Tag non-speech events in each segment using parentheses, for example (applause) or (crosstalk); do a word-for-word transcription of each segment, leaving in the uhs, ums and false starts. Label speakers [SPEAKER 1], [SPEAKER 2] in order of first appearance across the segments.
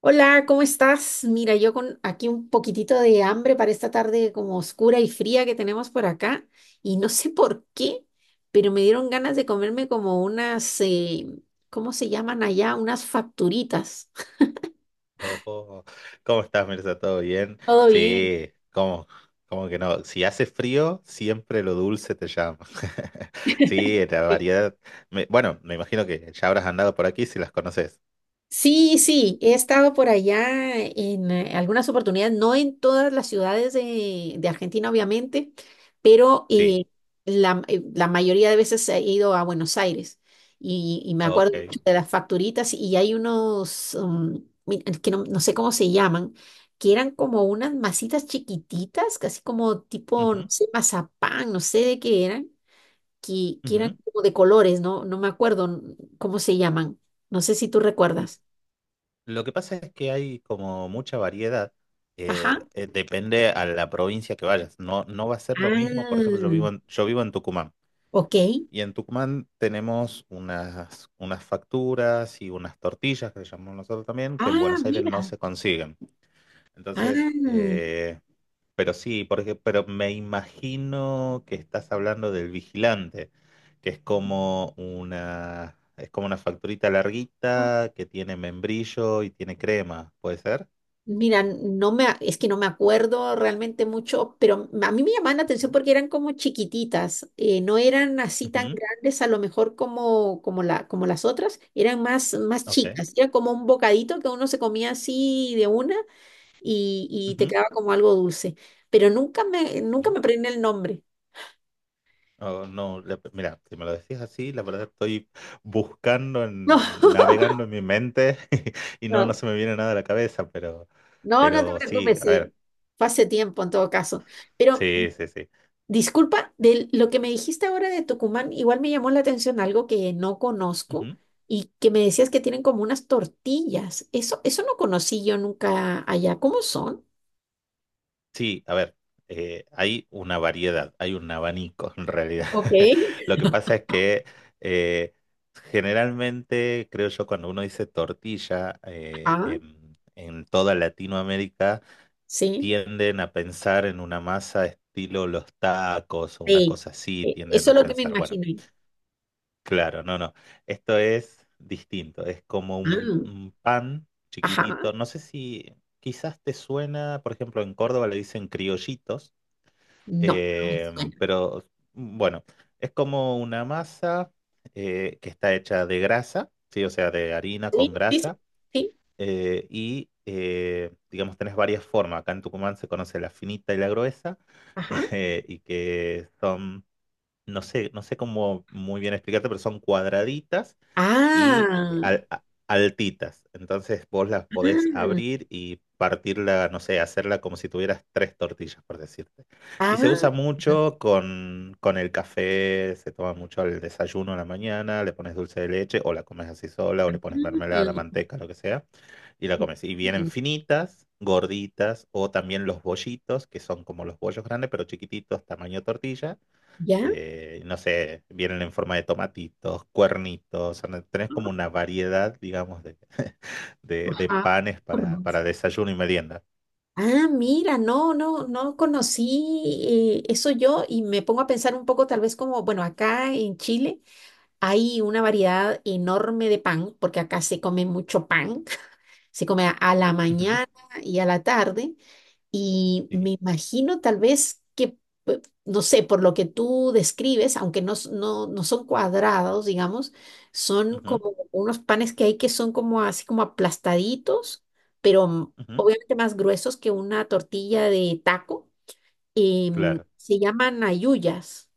[SPEAKER 1] Hola, ¿cómo estás? Mira, yo con aquí un poquitito de hambre para esta tarde como oscura y fría que tenemos por acá y no sé por qué, pero me dieron ganas de comerme como unas, eh, ¿cómo se llaman allá? Unas facturitas.
[SPEAKER 2] Oh, oh, ¿cómo estás, Mirza? ¿Todo bien?
[SPEAKER 1] Todo bien.
[SPEAKER 2] Sí, ¿cómo, cómo que no? Si hace frío, siempre lo dulce te llama. (laughs) Sí, la
[SPEAKER 1] Sí.
[SPEAKER 2] variedad. Me- bueno, me imagino que ya habrás andado por aquí si las conoces.
[SPEAKER 1] Sí, sí, he estado por allá en eh, algunas oportunidades, no en todas las ciudades de, de Argentina, obviamente, pero
[SPEAKER 2] Sí,
[SPEAKER 1] eh, la, eh, la mayoría de veces he ido a Buenos Aires y, y me acuerdo
[SPEAKER 2] ok.
[SPEAKER 1] mucho de las facturitas y hay unos, um, mi- es que no, no sé cómo se llaman, que eran como unas masitas chiquititas, casi como tipo, no
[SPEAKER 2] Ujú,
[SPEAKER 1] sé, mazapán, no sé de qué eran, que, que eran
[SPEAKER 2] ujú.
[SPEAKER 1] como de colores, no, no me acuerdo n- cómo se llaman, no sé si tú
[SPEAKER 2] L-
[SPEAKER 1] recuerdas.
[SPEAKER 2] Lo que pasa es que hay como mucha variedad. Eh,
[SPEAKER 1] Ajá.
[SPEAKER 2] eh, depende a la provincia que vayas. No, no va a ser lo mismo. Por ejemplo, yo
[SPEAKER 1] Ah,
[SPEAKER 2] vivo en, yo vivo en Tucumán.
[SPEAKER 1] ok.
[SPEAKER 2] Y en Tucumán tenemos unas, unas facturas y unas tortillas que le llamamos nosotros también, que en
[SPEAKER 1] Ah,
[SPEAKER 2] Buenos Aires no
[SPEAKER 1] mira.
[SPEAKER 2] se consiguen. Entonces,
[SPEAKER 1] Ah,
[SPEAKER 2] eh, pero sí, porque, pero me imagino que estás hablando del vigilante, que es como una, es como una facturita larguita que tiene membrillo y tiene crema, ¿puede ser?
[SPEAKER 1] mira, no me, a- es que no me acuerdo realmente mucho, pero a mí me llamaban la
[SPEAKER 2] Ujú.
[SPEAKER 1] atención porque eran como chiquititas, eh, no eran así tan
[SPEAKER 2] Ujú,
[SPEAKER 1] grandes a lo mejor como, como, la, como las otras, eran más, más
[SPEAKER 2] ok.
[SPEAKER 1] chicas, era como un bocadito que uno se comía así de una y, y te
[SPEAKER 2] Ujú,
[SPEAKER 1] quedaba como algo dulce, pero nunca me, nunca
[SPEAKER 2] ¿no?
[SPEAKER 1] me aprendí el nombre.
[SPEAKER 2] Oh, no, la- mira, si me lo decís así, la verdad estoy buscando, en- navegando
[SPEAKER 1] (laughs)
[SPEAKER 2] en mi mente (laughs) y no,
[SPEAKER 1] No, (laughs)
[SPEAKER 2] no
[SPEAKER 1] no.
[SPEAKER 2] se me viene nada a la cabeza, pero,
[SPEAKER 1] No, no te
[SPEAKER 2] pero sí,
[SPEAKER 1] preocupes,
[SPEAKER 2] a
[SPEAKER 1] sí.
[SPEAKER 2] ver,
[SPEAKER 1] Fue hace tiempo en todo caso. Pero
[SPEAKER 2] sí, sí, sí.
[SPEAKER 1] disculpa, de lo que me dijiste ahora de Tucumán, igual me llamó la atención algo que no conozco
[SPEAKER 2] Ujú.
[SPEAKER 1] y que me decías que tienen como unas tortillas. Eso, eso no conocí yo nunca allá. ¿Cómo son?
[SPEAKER 2] Sí, a ver, eh, hay una variedad, hay un abanico en realidad.
[SPEAKER 1] Ok.
[SPEAKER 2] (laughs) Lo que pasa es que eh, generalmente, creo yo, cuando uno dice tortilla eh,
[SPEAKER 1] Ah,
[SPEAKER 2] en en toda Latinoamérica,
[SPEAKER 1] sí.
[SPEAKER 2] tienden a pensar en una masa estilo los tacos o una
[SPEAKER 1] Sí.
[SPEAKER 2] cosa así,
[SPEAKER 1] Eh, eso
[SPEAKER 2] tienden a
[SPEAKER 1] es lo que me
[SPEAKER 2] pensar, bueno,
[SPEAKER 1] imaginé.
[SPEAKER 2] claro, no, no, esto es distinto, es como un,
[SPEAKER 1] Ah,
[SPEAKER 2] un pan
[SPEAKER 1] ajá.
[SPEAKER 2] chiquitito, no sé si quizás te suena, por ejemplo, en Córdoba le dicen criollitos,
[SPEAKER 1] No, no me
[SPEAKER 2] eh,
[SPEAKER 1] suena.
[SPEAKER 2] pero mm, bueno, es como una masa eh, que está hecha de grasa, sí, o sea, de harina con
[SPEAKER 1] Sí, sí, sí.
[SPEAKER 2] grasa,
[SPEAKER 1] Sí.
[SPEAKER 2] eh, y eh, digamos, tenés varias formas. Acá en Tucumán se conoce la finita y la gruesa,
[SPEAKER 1] Ajá.
[SPEAKER 2] (laughs) eh, y que son, no sé, no sé cómo muy bien explicarte, pero son cuadraditas y eh,
[SPEAKER 1] Ah,
[SPEAKER 2] al- a- altitas. Entonces vos las podés
[SPEAKER 1] ah,
[SPEAKER 2] abrir y partirla, no sé, hacerla como si tuvieras tres tortillas, por decirte. Y se usa
[SPEAKER 1] ah.
[SPEAKER 2] mucho con, con el café, se toma mucho al desayuno a la mañana, le pones dulce de leche o la comes así sola o le pones mermelada,
[SPEAKER 1] Mm,
[SPEAKER 2] manteca, lo que sea, y la comes. Y vienen
[SPEAKER 1] ok.
[SPEAKER 2] finitas, gorditas o también los bollitos, que son como los bollos grandes, pero chiquititos, tamaño tortilla,
[SPEAKER 1] ¿Ya?
[SPEAKER 2] eh, no sé, vienen en forma de tomatitos, cuernitos, o sea, tenés como una variedad, digamos, de, (laughs) de, de
[SPEAKER 1] Ajá.
[SPEAKER 2] panes para,
[SPEAKER 1] Hormonas.
[SPEAKER 2] para desayuno y merienda.
[SPEAKER 1] Ah, mira, no, no, no conocí eh, eso yo y me pongo a pensar un poco tal vez como, bueno, acá en Chile hay una variedad enorme de pan, porque acá se come mucho pan. Se come a, a la
[SPEAKER 2] Ujú.
[SPEAKER 1] mañana y a la tarde. Y
[SPEAKER 2] Sí,
[SPEAKER 1] me imagino tal vez que, pe- no sé, por lo que tú describes, aunque no, s- no, no son cuadrados, digamos, son
[SPEAKER 2] ujú,
[SPEAKER 1] como unos panes que hay que son como así como aplastaditos, pero mm,
[SPEAKER 2] ujú,
[SPEAKER 1] obviamente más gruesos que una tortilla de taco. Em,
[SPEAKER 2] claro.
[SPEAKER 1] se llaman ayuyas,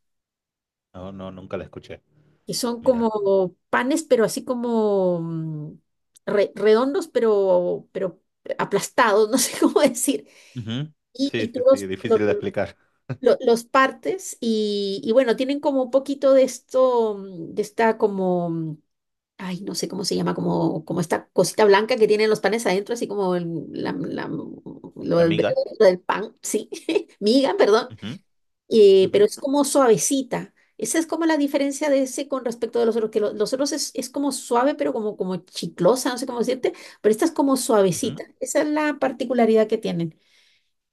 [SPEAKER 2] No, no, nunca la escuché.
[SPEAKER 1] que son
[SPEAKER 2] Mira.
[SPEAKER 1] como panes, pero así como mm, re- redondos, pero, pero aplastados, (laughs) no sé cómo decir.
[SPEAKER 2] Ujú,
[SPEAKER 1] Y, y
[SPEAKER 2] sí,
[SPEAKER 1] tú
[SPEAKER 2] sí, sí,
[SPEAKER 1] los, lo-
[SPEAKER 2] difícil de explicar.
[SPEAKER 1] lo- Los partes y, y bueno, tienen como un poquito de esto, mm, de esta como, mm, ay, no sé cómo se llama, como, como esta cosita blanca que tienen los panes adentro, así como el- la- la- lo
[SPEAKER 2] La
[SPEAKER 1] del,
[SPEAKER 2] miga.
[SPEAKER 1] lo del pan, sí, (laughs) miga, perdón.
[SPEAKER 2] Ujú,
[SPEAKER 1] Eh,
[SPEAKER 2] ujú,
[SPEAKER 1] pero es como suavecita. Esa es como la diferencia de ese con respecto de los otros, que lo- los otros es, es como suave, pero como, como chiclosa, no sé cómo decirte, pero esta es como
[SPEAKER 2] ujú,
[SPEAKER 1] suavecita. Esa es la particularidad que tienen.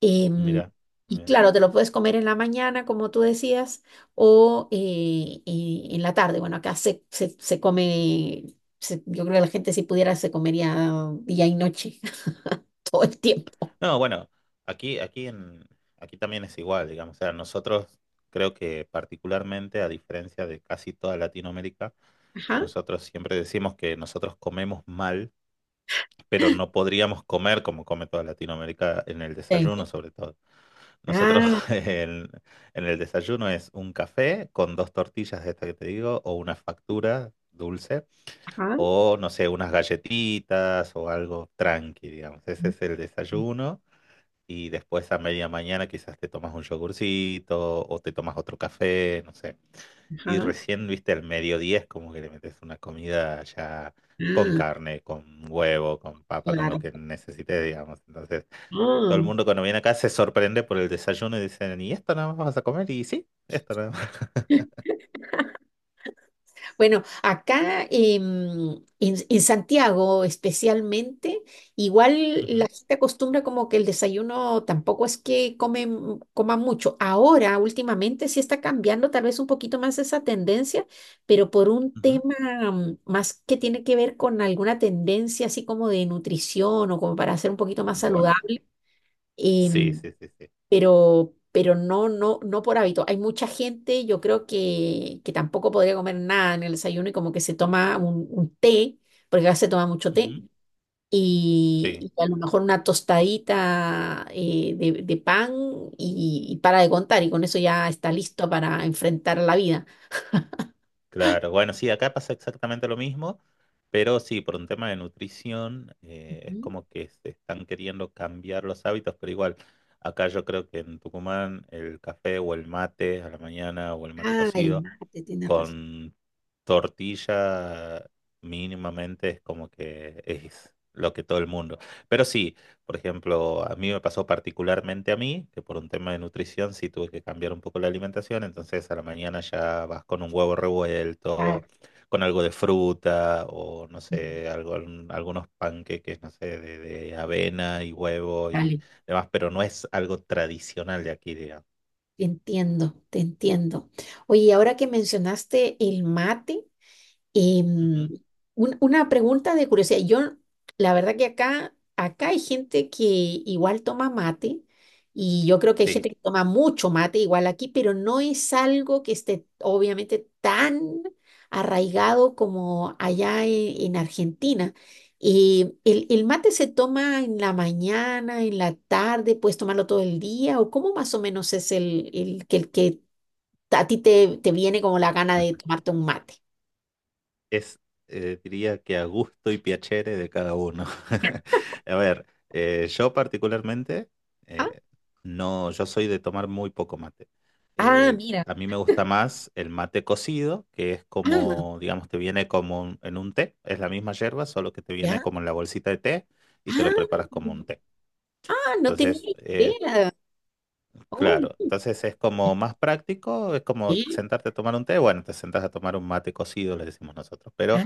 [SPEAKER 1] Em,
[SPEAKER 2] mira,
[SPEAKER 1] y
[SPEAKER 2] mira.
[SPEAKER 1] claro, te lo puedes comer en la mañana, como tú decías, o eh, eh, en la tarde. Bueno, acá se, se, se come, se- yo creo que la gente si pudiera se comería día y noche, (laughs) todo el tiempo.
[SPEAKER 2] No, bueno, aquí, aquí en, aquí también es igual, digamos. O sea, nosotros creo que particularmente, a diferencia de casi toda Latinoamérica,
[SPEAKER 1] Ajá.
[SPEAKER 2] nosotros siempre decimos que nosotros comemos mal, pero no podríamos comer como come toda Latinoamérica en el
[SPEAKER 1] Sí.
[SPEAKER 2] desayuno, sobre todo. Nosotros
[SPEAKER 1] Ah,
[SPEAKER 2] (laughs) en, en el desayuno es un café con dos tortillas de esta que te digo, o una factura dulce,
[SPEAKER 1] ajá.
[SPEAKER 2] o no sé, unas galletitas o algo tranqui, digamos. Ese es el desayuno y después a media mañana quizás te tomas un yogurcito o te tomas otro café, no sé. Y
[SPEAKER 1] Ajá.
[SPEAKER 2] recién, viste, al mediodía es como que le metes una comida ya con
[SPEAKER 1] Ah.
[SPEAKER 2] carne, con huevo, con papa, con lo que
[SPEAKER 1] Claro.
[SPEAKER 2] necesites, digamos. Entonces, todo el
[SPEAKER 1] Mm.
[SPEAKER 2] mundo cuando viene acá se sorprende por el desayuno y dicen, ¿y esto nada más vas a comer? Y sí, esto nada más.
[SPEAKER 1] Bueno, acá em, en, en Santiago especialmente, igual
[SPEAKER 2] (laughs) Ujú,
[SPEAKER 1] la gente acostumbra como que el desayuno tampoco es que comen, coman mucho. Ahora, últimamente, sí está cambiando tal vez un poquito más esa tendencia, pero por un
[SPEAKER 2] ujú.
[SPEAKER 1] tema mm, más que tiene que ver con alguna tendencia así como de nutrición o como para ser un poquito más
[SPEAKER 2] Bueno,
[SPEAKER 1] saludable.
[SPEAKER 2] sí,
[SPEAKER 1] em,
[SPEAKER 2] sí, sí, sí.
[SPEAKER 1] pero, pero no, no, no por hábito. Hay mucha gente, yo creo que, que tampoco podría comer nada en el desayuno y como que se toma un, un té, porque acá se toma mucho té,
[SPEAKER 2] Ujú.
[SPEAKER 1] y,
[SPEAKER 2] Sí.
[SPEAKER 1] y a lo mejor una tostadita eh, de, de pan y, y para de contar, y con eso ya está listo para enfrentar la vida.
[SPEAKER 2] Claro, bueno, sí, acá pasa exactamente lo mismo, pero sí, por un tema de nutrición, eh, es
[SPEAKER 1] Ujú.
[SPEAKER 2] como que se están queriendo cambiar los hábitos, pero igual, acá yo creo que en Tucumán el café o el mate a la mañana o el mate
[SPEAKER 1] Ah, el
[SPEAKER 2] cocido
[SPEAKER 1] mate, tienes razón.
[SPEAKER 2] con tortilla mínimamente es como que es lo que todo el mundo. Pero sí, por ejemplo, a mí me pasó particularmente a mí, que por un tema de nutrición sí tuve que cambiar un poco la alimentación, entonces a la mañana ya vas con un huevo
[SPEAKER 1] Ah,
[SPEAKER 2] revuelto, con algo de fruta o no
[SPEAKER 1] mm,
[SPEAKER 2] sé, algo, algún- algunos panqueques, no sé, de, de avena y huevo y
[SPEAKER 1] dale,
[SPEAKER 2] demás, pero no es algo tradicional de aquí, digamos.
[SPEAKER 1] te entiendo, te entiendo. Oye, ahora que mencionaste el mate, y, mm,
[SPEAKER 2] Ujú.
[SPEAKER 1] un- una pregunta de curiosidad. Yo, la verdad que acá, acá hay gente que igual toma mate y yo creo que hay
[SPEAKER 2] Sí.
[SPEAKER 1] gente que toma mucho mate igual aquí, pero no es algo que esté obviamente tan arraigado como allá e- en Argentina. Y el, el mate se toma en la mañana, en la tarde, puedes tomarlo todo el día o cómo más o menos es el, el, que, el que a ti te, te viene como la gana de tomarte un mate.
[SPEAKER 2] Es, eh, diría que a gusto y piacere de cada uno. (laughs) A ver, eh, yo particularmente, eh, no, yo soy de tomar muy poco mate.
[SPEAKER 1] Ah,
[SPEAKER 2] Eh,
[SPEAKER 1] mira.
[SPEAKER 2] a mí me gusta más el mate cocido, que es
[SPEAKER 1] Ah,
[SPEAKER 2] como, digamos, te viene como un- en un té, es la misma yerba, solo que te viene
[SPEAKER 1] ya.
[SPEAKER 2] como en la bolsita de té y te lo
[SPEAKER 1] Ah,
[SPEAKER 2] preparas como un té.
[SPEAKER 1] ah, no tenía
[SPEAKER 2] Entonces, eh,
[SPEAKER 1] idea. Oh,
[SPEAKER 2] claro,
[SPEAKER 1] muy
[SPEAKER 2] entonces es como más práctico, es como
[SPEAKER 1] bien.
[SPEAKER 2] sentarte a tomar un té, bueno, te sentás a tomar un mate cocido, le decimos nosotros, pero...
[SPEAKER 1] Ah,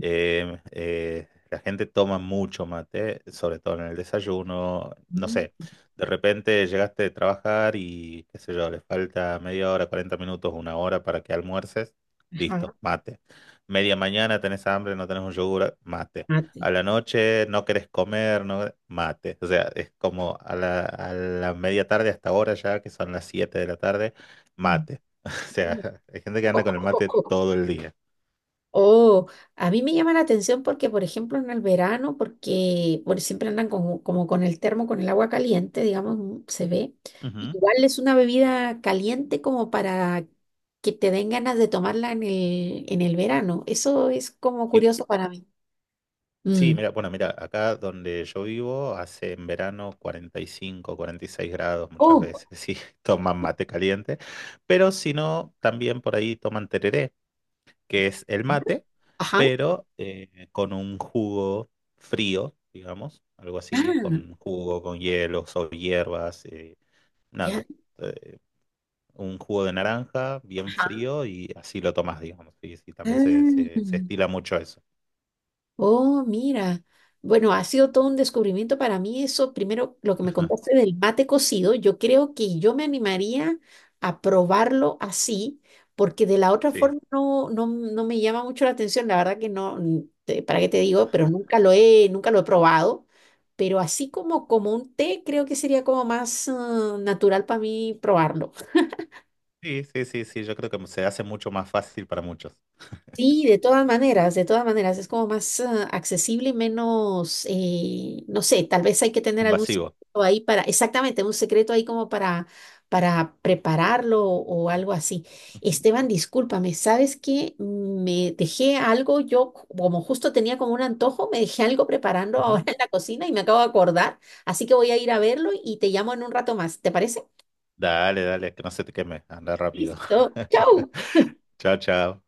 [SPEAKER 2] Em, eh, la gente toma mucho mate, sobre todo en el desayuno. No
[SPEAKER 1] mm,
[SPEAKER 2] sé, de repente llegaste de trabajar y, qué sé yo, le falta media hora, cuarenta minutos, una hora para que almuerces. Listo,
[SPEAKER 1] ajá,
[SPEAKER 2] mate. Media mañana tenés hambre, no tenés un yogur, mate.
[SPEAKER 1] mate.
[SPEAKER 2] A
[SPEAKER 1] (laughs)
[SPEAKER 2] la noche no querés comer, no, mate. O sea, es como a la, a la media tarde hasta ahora ya, que son las siete de la tarde,
[SPEAKER 1] Mm.
[SPEAKER 2] mate. (laughs) O sea, hay gente que anda con el mate todo el día.
[SPEAKER 1] Oh, a mí me llama la atención porque, por ejemplo, en el verano, porque por, siempre andan como, como con el termo, con el agua caliente, digamos, mm, se ve.
[SPEAKER 2] Ujú.
[SPEAKER 1] Igual es una bebida caliente como para que te den ganas de tomarla en el, en el verano. Eso es como
[SPEAKER 2] ¿Y
[SPEAKER 1] curioso para mí. Mm.
[SPEAKER 2] sí, mira, bueno, mira, acá donde yo vivo hace en verano cuarenta, cuarenta y cinco, cuarenta y seis grados muchas
[SPEAKER 1] Oh,
[SPEAKER 2] veces, (laughs) sí, toman mate caliente, pero si no, también por ahí toman tereré, que es el mate,
[SPEAKER 1] ajá.
[SPEAKER 2] pero eh, con un jugo frío, digamos, algo así,
[SPEAKER 1] Ah,
[SPEAKER 2] con jugo, con hielos o hierbas, eh,
[SPEAKER 1] ya.
[SPEAKER 2] nada, eh, un jugo de naranja bien
[SPEAKER 1] Ajá.
[SPEAKER 2] frío y así lo tomas, digamos, y, sí, también se, se, se estila
[SPEAKER 1] Ah,
[SPEAKER 2] mucho eso,
[SPEAKER 1] oh, mira. Bueno, ha sido todo un descubrimiento para mí eso. Primero, lo que me
[SPEAKER 2] (laughs)
[SPEAKER 1] contaste del mate cocido, yo creo que yo me animaría a probarlo así, porque de la otra
[SPEAKER 2] sí.
[SPEAKER 1] forma no, no, no me llama mucho la atención. La verdad que no, mm, te- ¿para qué te digo? Pero nunca lo he, nunca lo he probado. Pero así como, como un té, creo que sería como más, ah, natural para mí probarlo.
[SPEAKER 2] Sí, sí, sí, sí, yo creo que se hace mucho más fácil para muchos.
[SPEAKER 1] Sí, de todas maneras, de todas maneras, es como más ah, accesible y menos, eh, no sé, tal vez hay que tener algún
[SPEAKER 2] Invasivo.
[SPEAKER 1] secreto ahí para, exactamente, un secreto ahí como para, para prepararlo o algo así.
[SPEAKER 2] Ujú,
[SPEAKER 1] Esteban, discúlpame, ¿sabes que me dejé algo? Yo como justo tenía como un antojo, me dejé algo preparando (laughs) ahora
[SPEAKER 2] ujú.
[SPEAKER 1] en la cocina y me acabo de acordar, así que voy a ir a verlo y te llamo en un rato más, ¿te parece?
[SPEAKER 2] Dale, dale, que no se te queme. Anda rápido.
[SPEAKER 1] Listo, chau.
[SPEAKER 2] (laughs) Chao, chao.